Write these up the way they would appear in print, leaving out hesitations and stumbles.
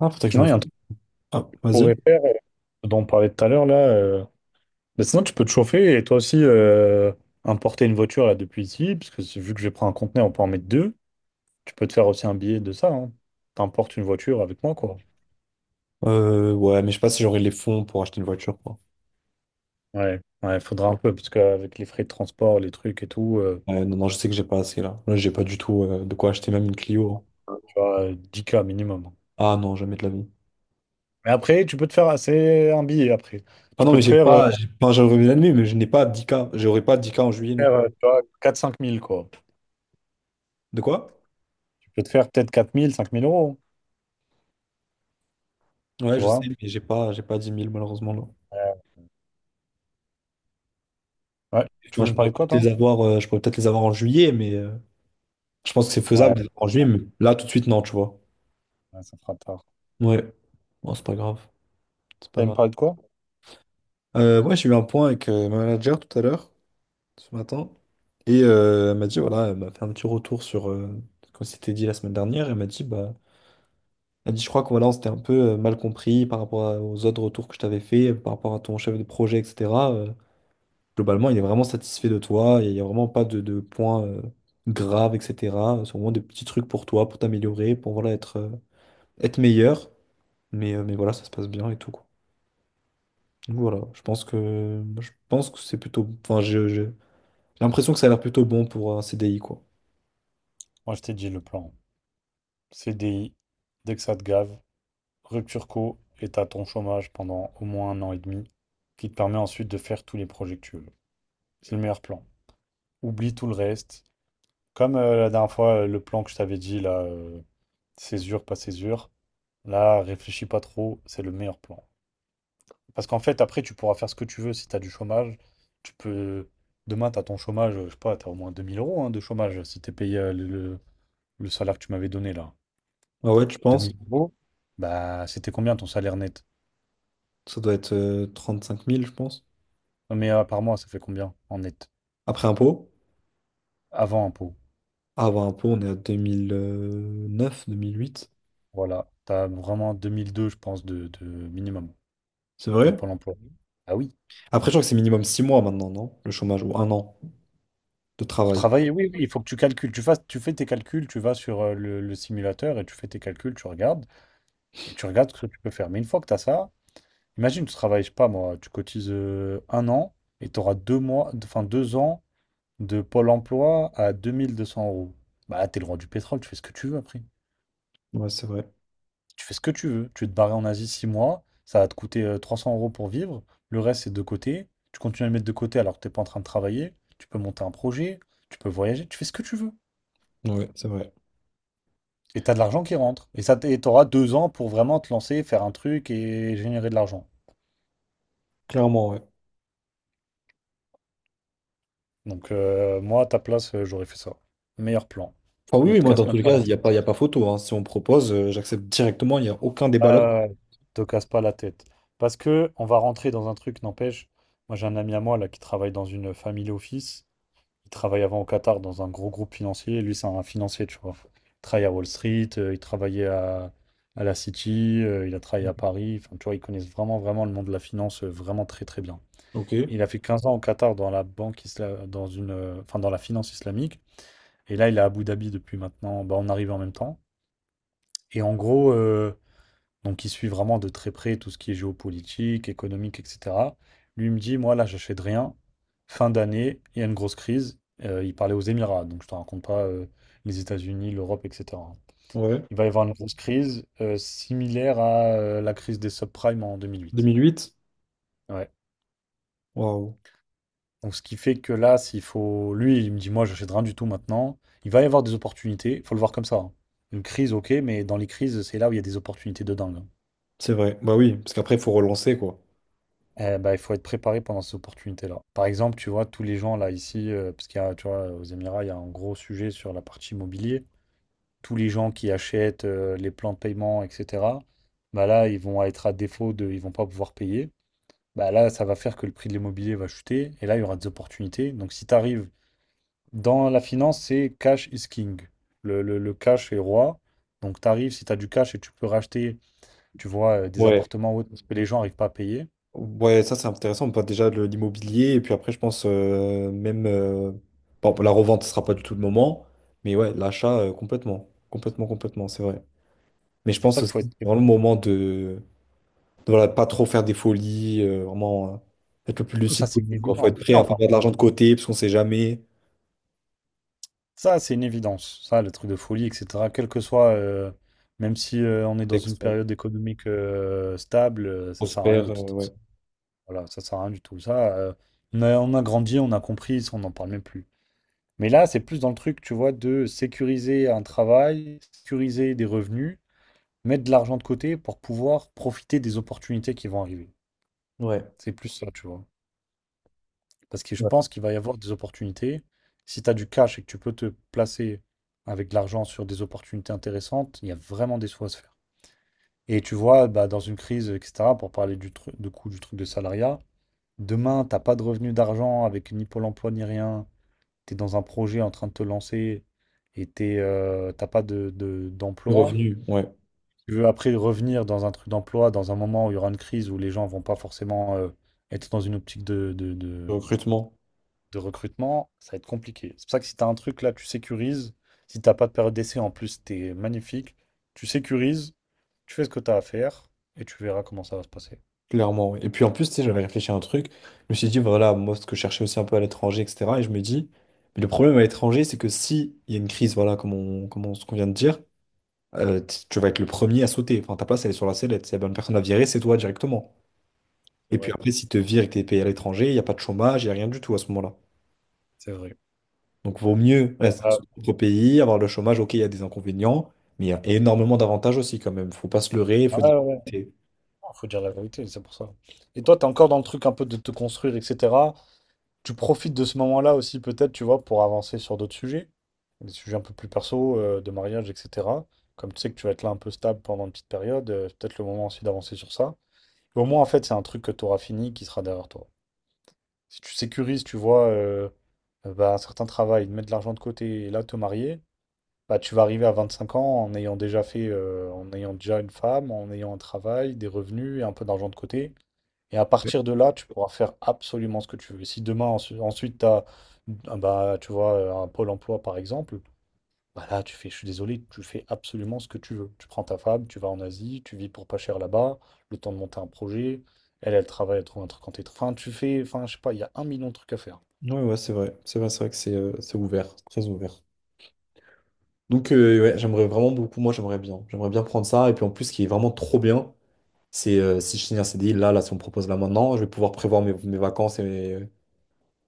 Ah, faudrait que je Non, me... il y a un truc Ah, qu'on vas-y. pourrait faire dont on parlait tout à l'heure là. Bah, sinon, tu peux te chauffer et toi aussi importer une voiture là depuis ici, parce que vu que je vais prendre un conteneur, on peut en mettre deux. Tu peux te faire aussi un billet de ça. Hein. T'importes une voiture avec moi, quoi. Ouais, mais je sais pas si j'aurai les fonds pour acheter une voiture, quoi. Ouais, ouais, faudra un peu, parce qu'avec les frais de transport, les trucs et tout, Non, non, je sais que j'ai pas assez, là. Là, j'ai pas du tout de quoi acheter même une Clio, hein. tu vois, 10K minimum. Ah non, jamais de la vie. Mais après, tu peux te faire assez un billet après. Ah Tu non, peux mais te j'ai faire, pas... Enfin, j'aurais bien aimé, mais je n'ai pas 10K. J'aurai pas 10K en juillet non plus. Tu vois, quatre cinq mille quoi. De quoi? Tu peux te faire peut-être quatre mille cinq mille euros, Ouais, tu je sais, vois. mais j'ai pas 10 000 malheureusement, là. Euh, ouais, tu Enfin, voulais je me pourrais parler de quoi, peut-être les toi? avoir, je pourrais peut-être les avoir en juillet, mais... je pense que c'est faisable Ouais, de les avoir en juillet, mais là, tout de suite, non, tu vois. ouais, ça fera tard. Ouais. Bon, c'est pas grave. C'est pas T'allais me grave. parler de quoi? Ouais, j'ai eu un point avec ma manager tout à l'heure, ce matin. Et elle m'a dit, voilà, elle m'a fait un petit retour sur ce qu'on s'était dit la semaine dernière. Elle m'a dit, bah, elle dit, je crois que voilà, on s'était un peu mal compris par rapport à- aux autres retours que je t'avais fait, par rapport à ton chef de projet, etc. Globalement, il est vraiment satisfait de toi, et il n'y a vraiment pas de points graves, etc. C'est vraiment des petits trucs pour toi, pour t'améliorer, pour voilà, être, être meilleur. Mais voilà, ça se passe bien et tout, quoi. Donc voilà, je pense que c'est plutôt... Enfin, j'ai l'impression que ça a l'air plutôt bon pour un CDI, quoi. Moi, je t'ai dit le plan. CDI, dès que ça te gave, rupture co et t'as ton chômage pendant au moins un an et demi, qui te permet ensuite de faire tous les projets que tu veux. C'est le meilleur plan. Oublie tout le reste. Comme la dernière fois, le plan que je t'avais dit, là, césure, pas césure, là, réfléchis pas trop, c'est le meilleur plan. Parce qu'en fait, après, tu pourras faire ce que tu veux si t'as du chômage. Tu peux. Demain, t'as ton chômage, je sais pas, t'as au moins 2 000 € hein, de chômage si t'es payé le, le salaire que tu m'avais donné là. Ah ouais, tu penses? 2000 euros, bah, c'était combien ton salaire net? Ça doit être 35 000, je pense. Non, mais par mois, ça fait combien en net? Après impôt. Avant impôt. Ah, avant impôt, on est à 2009, 2008. Voilà. T'as vraiment 2002, je pense, de minimum C'est de vrai? Pôle emploi. Mhm. Ah oui. Après, je crois que c'est minimum 6 mois maintenant, non? Le chômage, ou 1 an de Pour travail. travailler, oui, oui, il faut que tu calcules. Tu fasses, tu fais tes calculs, tu vas sur le, simulateur et tu fais tes calculs, tu regardes et tu regardes ce que tu peux faire. Mais une fois que tu as ça, imagine, tu travailles, je sais pas moi, tu cotises un an et tu auras deux mois, enfin 2 ans de Pôle emploi à 2200 euros. Bah, là, t'es le roi du pétrole, tu fais ce que tu veux après. Ouais, c'est vrai. Tu fais ce que tu veux. Tu veux te barrer en Asie 6 mois, ça va te coûter 300 € pour vivre. Le reste, c'est de côté. Tu continues à le mettre de côté alors que t'es pas en train de travailler. Tu peux monter un projet, tu peux voyager, tu fais ce que tu veux. Ouais, c'est vrai. Et t'as de l'argent qui rentre. Et ça, t'auras deux ans pour vraiment te lancer, faire un truc et générer de l'argent. Clairement, ouais. Donc, moi, à ta place, j'aurais fait ça. Meilleur plan. Enfin, oui, Ne oui, te moi, dans casse tous même les pas cas, la il tête. y a pas photo, hein. Si on me propose, j'accepte directement, il n'y a aucun débat là. Ah, te casse pas la tête. Parce que on va rentrer dans un truc, n'empêche. Moi, j'ai un ami à moi là qui travaille dans une family office. Il travaillait avant au Qatar dans un gros groupe financier. Et lui, c'est un financier, tu vois. Il travaille à Wall Street, il travaillait à la City, il a travaillé à Paris. Enfin, tu vois, ils connaissent vraiment, vraiment le monde de la finance, vraiment très, très bien. Ok, Il a fait 15 ans au Qatar dans la dans une, enfin, dans la finance islamique. Et là, il est à Abu Dhabi depuis maintenant. Bah, on arrive en même temps. Et en gros, donc il suit vraiment de très près tout ce qui est géopolitique, économique, etc. Lui il me dit, moi là, j'achète rien. Fin d'année, il y a une grosse crise. Il parlait aux Émirats, donc je te raconte pas les États-Unis, l'Europe, etc. ouais. Il va y avoir une grosse crise similaire à la crise des subprimes en 2008. 2008? Ouais. Waouh. Donc ce qui fait que là, s'il faut, lui, il me dit, moi, j'achète rien du tout maintenant. Il va y avoir des opportunités. Il faut le voir comme ça, hein. Une crise, ok, mais dans les crises, c'est là où il y a des opportunités de dingue, hein. C'est vrai. Bah oui, parce qu'après, il faut relancer, quoi. Eh ben, il faut être préparé pendant ces opportunités-là. Par exemple, tu vois, tous les gens là ici, parce qu'il y a, tu vois, aux Émirats, il y a un gros sujet sur la partie immobilier. Tous les gens qui achètent les plans de paiement, etc., bah là, ils vont être à défaut de, ils vont pas pouvoir payer. Bah là, ça va faire que le prix de l'immobilier va chuter et là, il y aura des opportunités. Donc, si tu arrives dans la finance, c'est cash is king. Le, le cash est roi. Donc, tu arrives, si tu as du cash et tu peux racheter tu vois, des Ouais. appartements hauts autres que les gens arrivent pas à payer. Ouais, ça c'est intéressant. Bah, déjà l'immobilier, et puis après, je pense même, bon, la revente, ce sera pas du tout le moment, mais ouais, l'achat, complètement. Complètement, complètement, c'est vrai. Mais je C'est pour pense ça qu'il aussi que faut c'est être très vraiment le moment voilà, pas trop faire des folies, vraiment être le plus prudent. Ça lucide c'est une possible, quoi. Faut évidence. être Mais prêt à non, faire pas de contre l'argent de côté, parce qu'on sait jamais. ça c'est une évidence. Ça, le truc de folie et cetera, quel que soit, même si, on est dans une Contexte, ouais. période économique, stable, ça sert à rien Prospère, de tout ouais. façon. Voilà, ça sert à rien du tout. Ça, on a grandi, on a compris, ça on n'en parle même plus. Mais là, c'est plus dans le truc, tu vois, de sécuriser un travail, sécuriser des revenus. Mettre de l'argent de côté pour pouvoir profiter des opportunités qui vont arriver. Ouais. C'est plus ça, tu vois. Parce que je Ouais. pense qu'il va y avoir des opportunités. Si tu as du cash et que tu peux te placer avec de l'argent sur des opportunités intéressantes, il y a vraiment des sous à se faire. Et tu vois, bah, dans une crise, etc., pour parler du truc, de coût du truc de salariat, demain, t'as pas de revenu d'argent avec ni Pôle emploi ni rien. Tu es dans un projet en train de te lancer et t'es, t'as pas Du d'emploi. revenu, ouais. Tu veux après revenir dans un truc d'emploi, dans un moment où il y aura une crise où les gens vont pas forcément être dans une optique Du recrutement. de recrutement, ça va être compliqué. C'est pour ça que si tu as un truc là, tu sécurises. Si t'as pas de période d'essai en plus, t'es magnifique. Tu sécurises, tu fais ce que tu as à faire et tu verras comment ça va se passer. Clairement, ouais. Et puis en plus, tu sais, j'avais réfléchi à un truc. Je me suis dit, voilà, moi, ce que je cherchais aussi un peu à l'étranger, etc. Et je me dis, mais le problème à l'étranger, c'est que si il y a une crise, voilà, ce qu'on vient de dire, tu vas être le premier à sauter. Enfin, ta place, elle est sur la sellette. Si la bonne personne à virer, c'est toi directement. C'est Et puis vrai, après, si te virent et que t'es payé à l'étranger, il n'y a pas de chômage, il n'y a rien du tout à ce moment-là. c'est vrai. Donc, vaut mieux rester dans Ouais, son propre pays, avoir le chômage. Ok, il y a des inconvénients, mais il y a énormément d'avantages aussi, quand même. Faut pas se leurrer, ouais, faut dire. ouais. Ouais. Non, faut dire la vérité, c'est pour ça. Et toi, t'es encore dans le truc un peu de te construire, etc. Tu profites de ce moment-là aussi, peut-être, tu vois, pour avancer sur d'autres sujets, des sujets un peu plus perso, de mariage, etc. Comme tu sais que tu vas être là un peu stable pendant une petite période, c'est peut-être le moment aussi d'avancer sur ça. Et au moins, en fait, c'est un truc que tu auras fini qui sera derrière toi. Si tu sécurises, tu vois, bah, un certain travail, de mettre de l'argent de côté et là te marier, bah, tu vas arriver à 25 ans en ayant déjà fait, en ayant déjà une femme, en ayant un travail, des revenus et un peu d'argent de côté. Et à Ouais, partir de là, tu pourras faire absolument ce que tu veux. Si demain, ensuite, tu as, bah, tu vois, un pôle emploi, par exemple, bah là, tu fais, je suis désolé, tu fais absolument ce que tu veux. Tu prends ta femme, tu vas en Asie, tu vis pour pas cher là-bas, le temps de monter un projet. Elle, elle travaille, elle trouve un truc en télétravail. Enfin, tu fais, enfin, je sais pas, il y a un million de trucs à faire. Ouais, c'est vrai. C'est vrai, c'est vrai que c'est ouvert, très ouvert. Donc ouais, j'aimerais vraiment beaucoup, moi j'aimerais bien. J'aimerais bien prendre ça. Et puis en plus, ce qui est vraiment trop bien, c'est si je signe un CDI, là, si on me propose là maintenant, je vais pouvoir prévoir mes vacances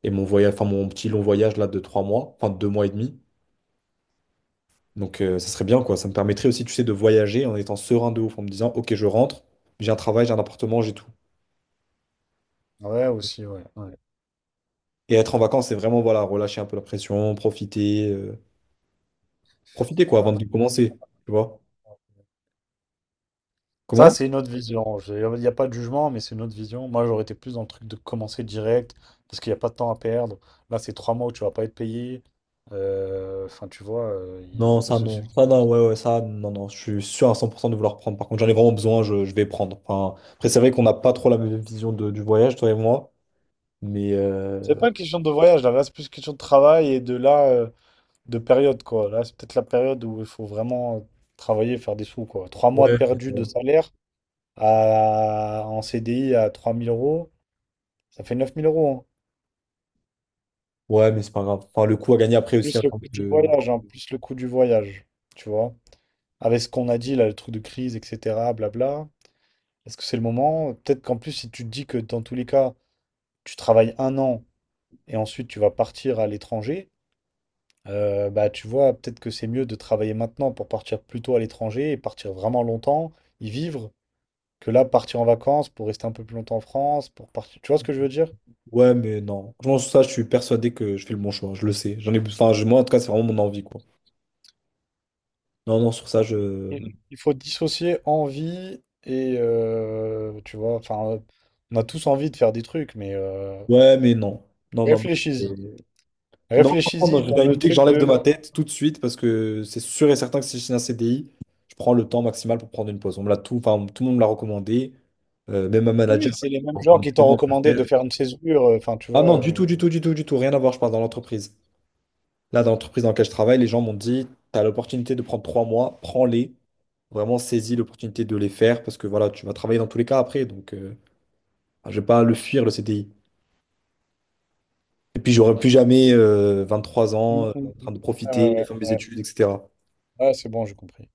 et mon voyage, enfin mon petit long voyage là de 3 mois, enfin de 2 mois et demi. Donc ça serait bien quoi. Ça me permettrait aussi, tu sais, de voyager en étant serein de ouf, en me disant, ok, je rentre, j'ai un travail, j'ai un appartement, j'ai tout. Ouais, aussi, ouais. Ouais. Et être en vacances, c'est vraiment, voilà, relâcher un peu la pression, profiter, profiter quoi, avant de Après, commencer. Tu vois? ça, Comment? c'est une autre vision. Il n'y a pas de jugement, mais c'est une autre vision. Moi, j'aurais été plus dans le truc de commencer direct, parce qu'il n'y a pas de temps à perdre. Là, c'est 3 mois où tu vas pas être payé. Enfin, tu vois, il y a un Non, peu ça ce non. sujet. Ça non, ça non, non. Je suis sûr à 100% de vouloir prendre. Par contre, j'en ai vraiment besoin, je vais prendre. Enfin, après, c'est vrai qu'on n'a pas trop la même vision du voyage, toi et moi. Mais C'est pas une question de voyage, là, c'est plus une question de travail et de là, de période, quoi. Là, c'est peut-être la période où il faut vraiment travailler, faire des sous, quoi. Trois mois de ouais, mais perdu de bon. salaire en CDI à 3000 euros, ça fait 9000 euros, hein. Ouais, mais c'est pas grave. Enfin, le coup à gagner après aussi, hein, Plus le quand, coût du voyage, hein, plus le coût du voyage, tu vois. Avec ce qu'on a dit là, le truc de crise, etc., blabla, est-ce que c'est le moment? Peut-être qu'en plus, si tu te dis que dans tous les cas, tu travailles un an et ensuite tu vas partir à l'étranger, bah tu vois, peut-être que c'est mieux de travailler maintenant pour partir plus tôt à l'étranger et partir vraiment longtemps, y vivre, que là, partir en vacances pour rester un peu plus longtemps en France, pour partir. Tu vois ce que je veux dire? ouais, mais non. Franchement, sur ça, je suis persuadé que je fais le bon choix. Je le sais. J'en ai... Enfin, moi, en tout cas, c'est vraiment mon envie, quoi. Non, non, sur ça, je. Mm. Il faut dissocier envie et tu vois, enfin, on a tous envie de faire des trucs, mais Ouais, mais non. Non, non. réfléchis-y. Non, franchement, Réfléchis-y non, dans j'ai une le idée que truc j'enlève de de ma tête tout de suite parce que c'est sûr et certain que si je signe un CDI, je prends le temps maximal pour prendre une pause. On me l'a tout, enfin, tout le monde me l'a recommandé, même un Oui, manager m'a c'est les dit, mêmes vraiment, on gens me qui t'ont demande de recommandé le de faire. faire une césure, enfin, tu Ah vois. non, du tout, rien à voir, je parle dans l'entreprise. Là, dans l'entreprise dans laquelle je travaille, les gens m'ont dit, tu as l'opportunité de prendre 3 mois, prends-les, vraiment saisis l'opportunité de les faire parce que voilà, tu vas travailler dans tous les cas après, donc enfin, je vais pas le fuir, le CDI. Et puis, j'aurai plus jamais trois Mm, ans en mm, mm. train de Ah ouais, profiter, de ouais. faire mes Ouais. études, etc. Ah, c'est bon, j'ai compris.